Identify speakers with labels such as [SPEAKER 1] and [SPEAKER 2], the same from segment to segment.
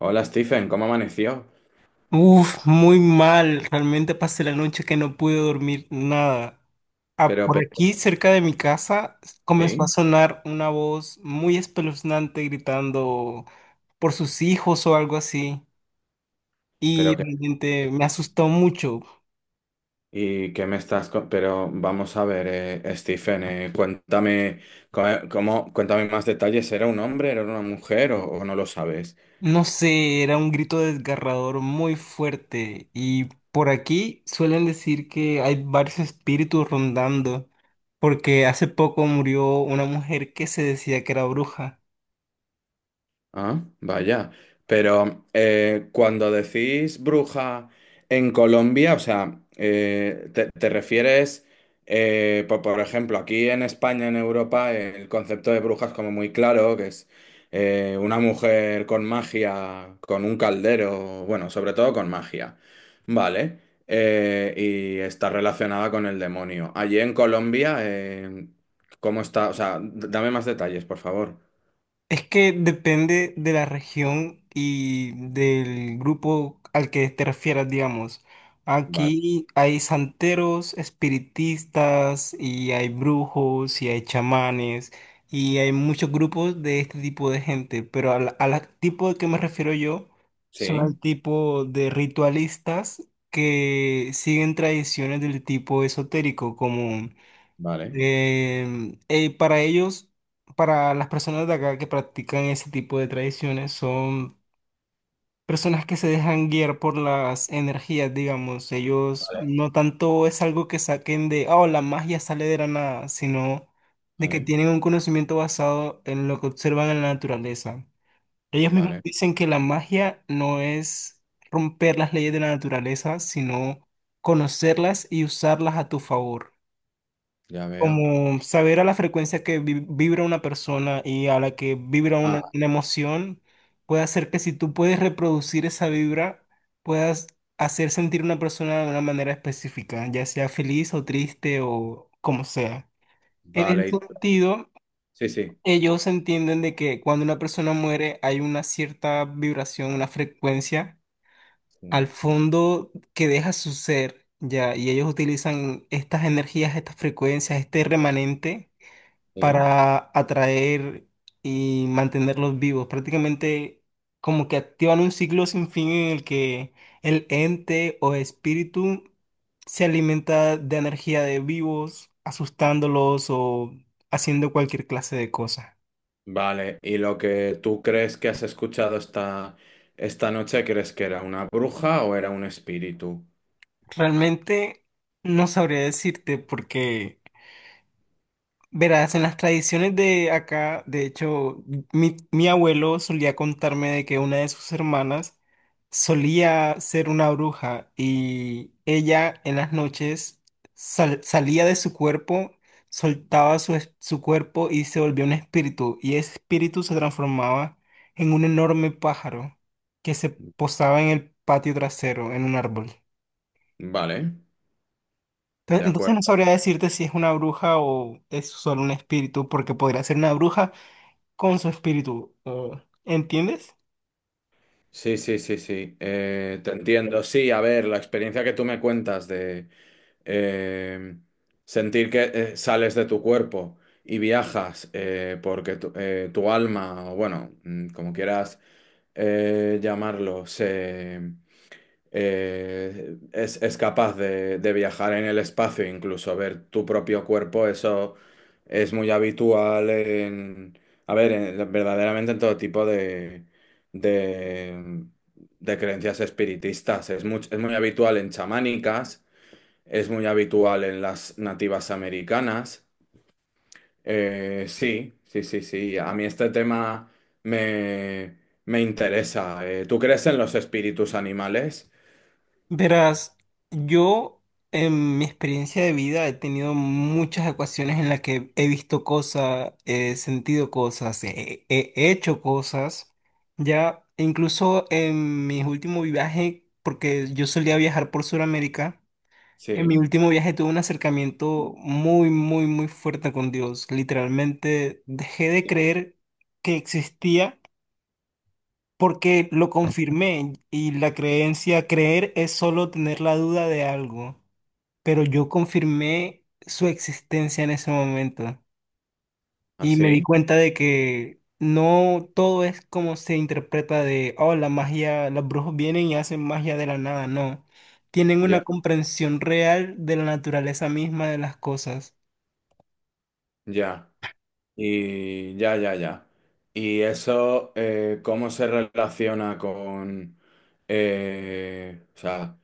[SPEAKER 1] Hola Stephen, ¿cómo amaneció?
[SPEAKER 2] Uf, muy mal. Realmente pasé la noche que no pude dormir nada. Ah,
[SPEAKER 1] Pero,
[SPEAKER 2] por
[SPEAKER 1] pero,
[SPEAKER 2] aquí, cerca de mi casa, comenzó
[SPEAKER 1] sí,
[SPEAKER 2] a sonar una voz muy espeluznante gritando por sus hijos o algo así. Y
[SPEAKER 1] pero que,
[SPEAKER 2] realmente me asustó mucho.
[SPEAKER 1] y qué me estás, co- pero vamos a ver, Stephen, cuéntame, cómo, cuéntame más detalles, ¿era un hombre, era una mujer o no lo sabes?
[SPEAKER 2] No sé, era un grito desgarrador muy fuerte. Y por aquí suelen decir que hay varios espíritus rondando, porque hace poco murió una mujer que se decía que era bruja.
[SPEAKER 1] Ah, vaya. Pero cuando decís bruja en Colombia, o sea, te refieres, por ejemplo, aquí en España, en Europa, el concepto de bruja es como muy claro, que es una mujer con magia, con un caldero, bueno, sobre todo con magia, ¿vale? Y está relacionada con el demonio. Allí en Colombia, ¿cómo está? O sea, dame más detalles, por favor.
[SPEAKER 2] Es que depende de la región y del grupo al que te refieras, digamos.
[SPEAKER 1] Vale.
[SPEAKER 2] Aquí hay santeros, espiritistas, y hay brujos, y hay chamanes, y hay muchos grupos de este tipo de gente, pero al tipo de que me refiero yo son al
[SPEAKER 1] Sí.
[SPEAKER 2] tipo de ritualistas que siguen tradiciones del tipo esotérico, como
[SPEAKER 1] Vale,
[SPEAKER 2] Para ellos, para las personas de acá que practican ese tipo de tradiciones, son personas que se dejan guiar por las energías, digamos. Ellos no tanto es algo que saquen de, oh, la magia sale de la nada, sino de que
[SPEAKER 1] vale,
[SPEAKER 2] tienen un conocimiento basado en lo que observan en la naturaleza. Ellos mismos
[SPEAKER 1] vale,
[SPEAKER 2] dicen que la magia no es romper las leyes de la naturaleza, sino conocerlas y usarlas a tu favor.
[SPEAKER 1] ya veo.
[SPEAKER 2] Como saber a la frecuencia que vibra una persona y a la que vibra
[SPEAKER 1] Ah,
[SPEAKER 2] una emoción puede hacer que si tú puedes reproducir esa vibra, puedas hacer sentir a una persona de una manera específica, ya sea feliz o triste o como sea. En ese
[SPEAKER 1] vale, y
[SPEAKER 2] sentido,
[SPEAKER 1] sí, sí,
[SPEAKER 2] ellos entienden de que cuando una persona muere hay una cierta vibración, una frecuencia al
[SPEAKER 1] sí,
[SPEAKER 2] fondo que deja su ser, ya, y ellos utilizan estas energías, estas frecuencias, este remanente
[SPEAKER 1] sí.
[SPEAKER 2] para atraer y mantenerlos vivos. Prácticamente como que activan un ciclo sin fin en el que el ente o espíritu se alimenta de energía de vivos, asustándolos o haciendo cualquier clase de cosa.
[SPEAKER 1] Vale, ¿y lo que tú crees que has escuchado esta, esta noche, crees que era una bruja o era un espíritu?
[SPEAKER 2] Realmente no sabría decirte porque verás, en las tradiciones de acá, de hecho, mi abuelo solía contarme de que una de sus hermanas solía ser una bruja y ella en las noches salía de su cuerpo, soltaba su cuerpo y se volvía un espíritu y ese espíritu se transformaba en un enorme pájaro que se posaba en el patio trasero, en un árbol.
[SPEAKER 1] Vale, de
[SPEAKER 2] Entonces
[SPEAKER 1] acuerdo.
[SPEAKER 2] no sabría decirte si es una bruja o es solo un espíritu, porque podría ser una bruja con su espíritu. ¿Entiendes?
[SPEAKER 1] Sí, sí, sí, sí, te entiendo. Sí, a ver, la experiencia que tú me cuentas de, eh, sentir que sales de tu cuerpo y viajas, porque tu alma, o bueno, mm, como quieras llamarlo, es capaz de viajar en el espacio, incluso ver tu propio cuerpo, eso es muy habitual en, a ver, verdaderamente en todo tipo de de de creencias espiritistas. Es muy, es muy habitual en chamánicas, es muy habitual en las nativas americanas. Sí, sí, sí, sí. A mí este tema me, me interesa. ¿Tú crees en los espíritus animales?
[SPEAKER 2] Verás, yo en mi experiencia de vida he tenido muchas ocasiones en las que he visto cosas, he sentido cosas, he hecho cosas. Ya, e incluso en mi último viaje, porque yo solía viajar por Sudamérica, en mi
[SPEAKER 1] Sí,
[SPEAKER 2] último viaje tuve un acercamiento muy, muy, muy fuerte con Dios. Literalmente dejé de creer que existía. Porque lo confirmé y la creencia, creer es solo tener la duda de algo, pero yo confirmé su existencia en ese momento y me di
[SPEAKER 1] así.
[SPEAKER 2] cuenta de que no todo es como se interpreta de, oh, la magia, los brujos vienen y hacen magia de la nada, no, tienen
[SPEAKER 1] Ya,
[SPEAKER 2] una comprensión real de la naturaleza misma de las cosas.
[SPEAKER 1] ya. Y ya, ya, ya. ¿Y eso, cómo se relaciona con o sea,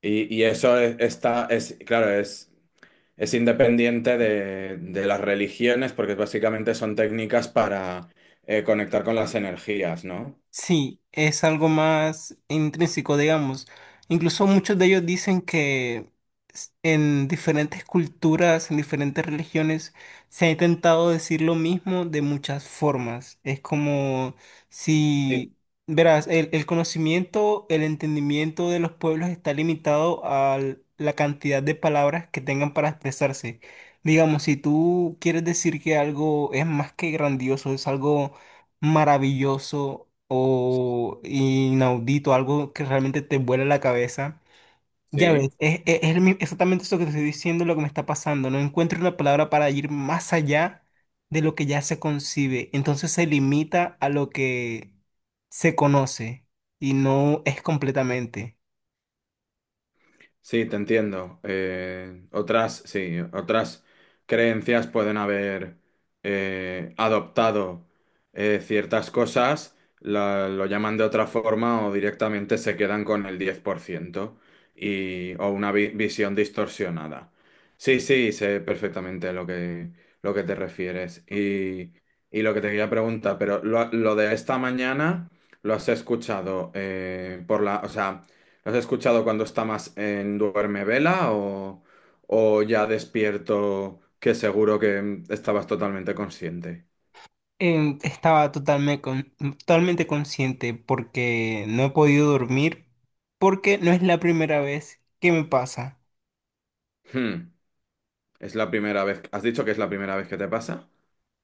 [SPEAKER 1] y eso es, claro, es... Es independiente de las religiones porque básicamente son técnicas para conectar con las energías, ¿no?
[SPEAKER 2] Sí, es algo más intrínseco, digamos. Incluso muchos de ellos dicen que en diferentes culturas, en diferentes religiones, se ha intentado decir lo mismo de muchas formas. Es como
[SPEAKER 1] Sí.
[SPEAKER 2] si, verás, el conocimiento, el entendimiento de los pueblos está limitado a la cantidad de palabras que tengan para expresarse. Digamos, si tú quieres decir que algo es más que grandioso, es algo maravilloso o inaudito, algo que realmente te vuela la cabeza. Ya ves,
[SPEAKER 1] Sí.
[SPEAKER 2] exactamente eso que te estoy diciendo, lo que me está pasando. No encuentro una palabra para ir más allá de lo que ya se concibe. Entonces se limita a lo que se conoce y no es completamente.
[SPEAKER 1] Sí, te entiendo. Otras, sí, otras creencias pueden haber adoptado ciertas cosas, lo llaman de otra forma o directamente se quedan con el 10% y, o una visión distorsionada. Sí, sí, sé perfectamente lo que te refieres y lo que te quería preguntar, pero lo de esta mañana lo has escuchado, por la, o sea... ¿Lo ¿Has escuchado cuando está más en duerme vela o ya despierto que seguro que mm, estabas totalmente consciente?
[SPEAKER 2] Estaba totalmente, totalmente consciente porque no he podido dormir, porque no es la primera vez que me pasa.
[SPEAKER 1] Hmm. Es la primera vez. ¿Has dicho que es la primera vez que te pasa?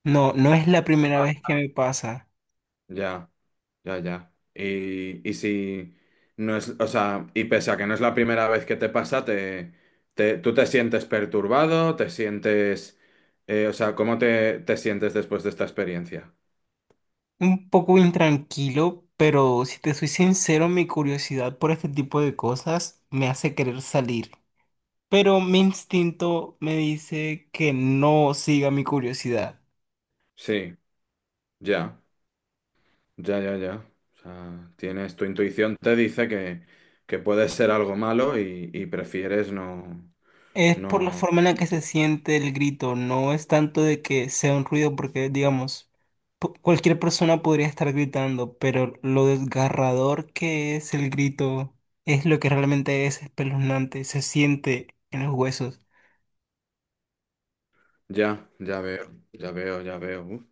[SPEAKER 2] No, no es la primera vez que me pasa.
[SPEAKER 1] Ya, ya, ya. Y si no es, o sea, y pese a que no es la primera vez que te pasa, tú te sientes perturbado, te sientes, o sea, ¿cómo te sientes después de esta experiencia?
[SPEAKER 2] Un poco intranquilo, pero si te soy sincero, mi curiosidad por este tipo de cosas me hace querer salir. Pero mi instinto me dice que no siga mi curiosidad.
[SPEAKER 1] Sí, ya. Ya, ya, ya. O sea, tienes, tu intuición te dice que puede ser algo malo y prefieres no,
[SPEAKER 2] Es por la
[SPEAKER 1] no.
[SPEAKER 2] forma en la que se siente el grito, no es tanto de que sea un ruido, porque digamos, cualquier persona podría estar gritando, pero lo desgarrador que es el grito es lo que realmente es espeluznante, se siente en los huesos.
[SPEAKER 1] Ya, ya veo, ya veo, ya veo. Uf.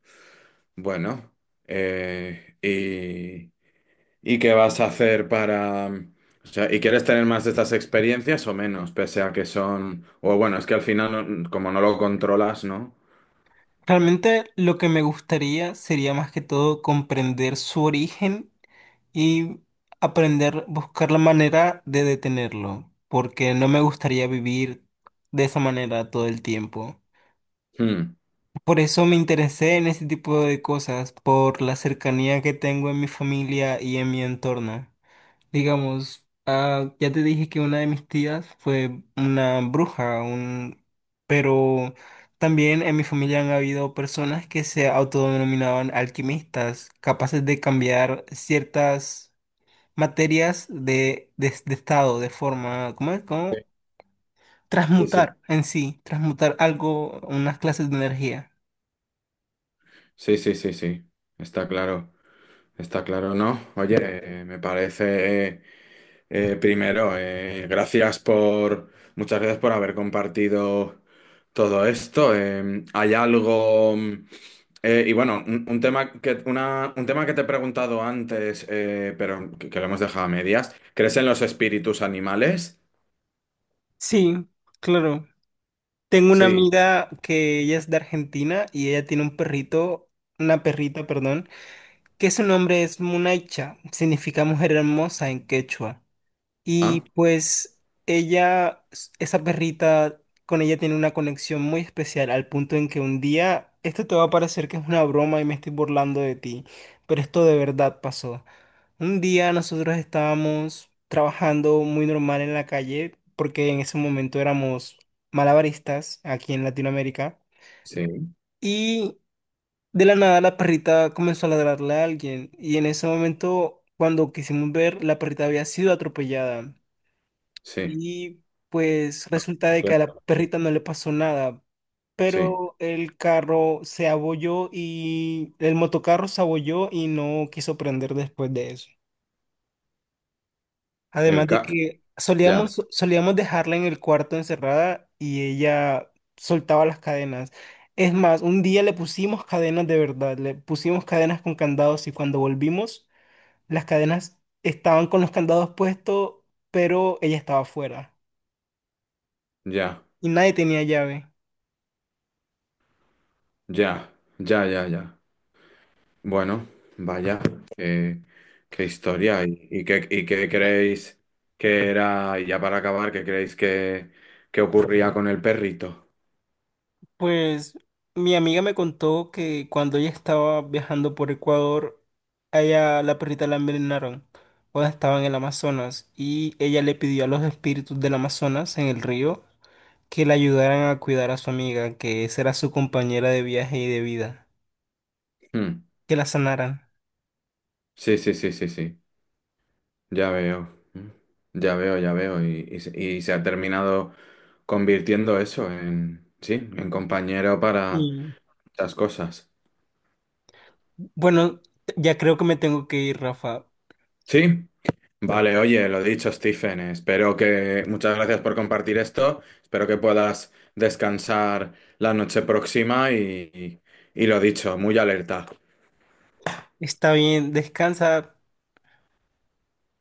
[SPEAKER 1] Bueno, eh, y, ¿y qué vas a hacer para... O sea, y quieres tener más de estas experiencias o menos? Pese a que son... O bueno, es que al final, como no lo controlas, ¿no?
[SPEAKER 2] Realmente lo que me gustaría sería más que todo comprender su origen y aprender, buscar la manera de detenerlo, porque no me gustaría vivir de esa manera todo el tiempo.
[SPEAKER 1] Hmm.
[SPEAKER 2] Por eso me interesé en ese tipo de cosas, por la cercanía que tengo en mi familia y en mi entorno. Digamos, ah, ya te dije que una de mis tías fue una bruja, un... pero también en mi familia han habido personas que se autodenominaban alquimistas, capaces de cambiar ciertas materias de, de estado, de forma, ¿cómo es? ¿Cómo?
[SPEAKER 1] Sí, sí,
[SPEAKER 2] Transmutar en sí, transmutar algo, unas clases de energía.
[SPEAKER 1] sí, sí, sí, sí, sí. Está claro, está claro, ¿no? Oye, me parece... primero, gracias por, muchas gracias por haber compartido todo esto. Hay algo, mm, bueno, un tema que, un tema que te he preguntado antes, pero que lo hemos dejado a medias. ¿Crees en los espíritus animales?
[SPEAKER 2] Sí, claro. Tengo una
[SPEAKER 1] Sí.
[SPEAKER 2] amiga que ella es de Argentina y ella tiene un perrito, una perrita, perdón, que su nombre es Munaicha, significa mujer hermosa en quechua. Y
[SPEAKER 1] Ah,
[SPEAKER 2] pues ella, esa perrita, con ella tiene una conexión muy especial, al punto en que un día, esto te va a parecer que es una broma y me estoy burlando de ti, pero esto de verdad pasó. Un día nosotros estábamos trabajando muy normal en la calle, porque en ese momento éramos malabaristas aquí en Latinoamérica.
[SPEAKER 1] sí,
[SPEAKER 2] Y de la nada la perrita comenzó a ladrarle a alguien y en ese momento, cuando quisimos ver, la perrita había sido atropellada
[SPEAKER 1] sí.
[SPEAKER 2] y pues resulta
[SPEAKER 1] Lo
[SPEAKER 2] de que a la
[SPEAKER 1] siento.
[SPEAKER 2] perrita no le pasó nada,
[SPEAKER 1] Sí.
[SPEAKER 2] pero el carro se abolló y el motocarro se abolló y no quiso prender después de eso.
[SPEAKER 1] El
[SPEAKER 2] Además de
[SPEAKER 1] ca...
[SPEAKER 2] que
[SPEAKER 1] Ya,
[SPEAKER 2] solíamos dejarla en el cuarto encerrada y ella soltaba las cadenas. Es más, un día le pusimos cadenas de verdad, le pusimos cadenas con candados y cuando volvimos, las cadenas estaban con los candados puestos, pero ella estaba afuera
[SPEAKER 1] ya,
[SPEAKER 2] y nadie tenía llave.
[SPEAKER 1] ya, ya, ya, ya. Bueno, vaya, qué, qué historia. ¿Y qué, y qué creéis que era, y ya para acabar, qué creéis que ocurría con el perrito?
[SPEAKER 2] Pues mi amiga me contó que cuando ella estaba viajando por Ecuador, a ella la perrita la envenenaron cuando estaba en el Amazonas y ella le pidió a los espíritus del Amazonas en el río que la ayudaran a cuidar a su amiga, que esa era su compañera de viaje y de vida,
[SPEAKER 1] Mm.
[SPEAKER 2] que la sanaran.
[SPEAKER 1] Sí, sí, sí, sí, sí, ya veo. Mm. Ya veo, ya veo. Y se se ha terminado convirtiendo eso en, sí, en compañero para
[SPEAKER 2] Y
[SPEAKER 1] muchas cosas.
[SPEAKER 2] bueno, ya creo que me tengo que ir, Rafa.
[SPEAKER 1] Sí. Vale, oye, lo dicho, Stephen, espero que... Muchas gracias por compartir esto. Espero que puedas descansar la noche próxima y lo dicho, muy alerta.
[SPEAKER 2] Está bien, descansa.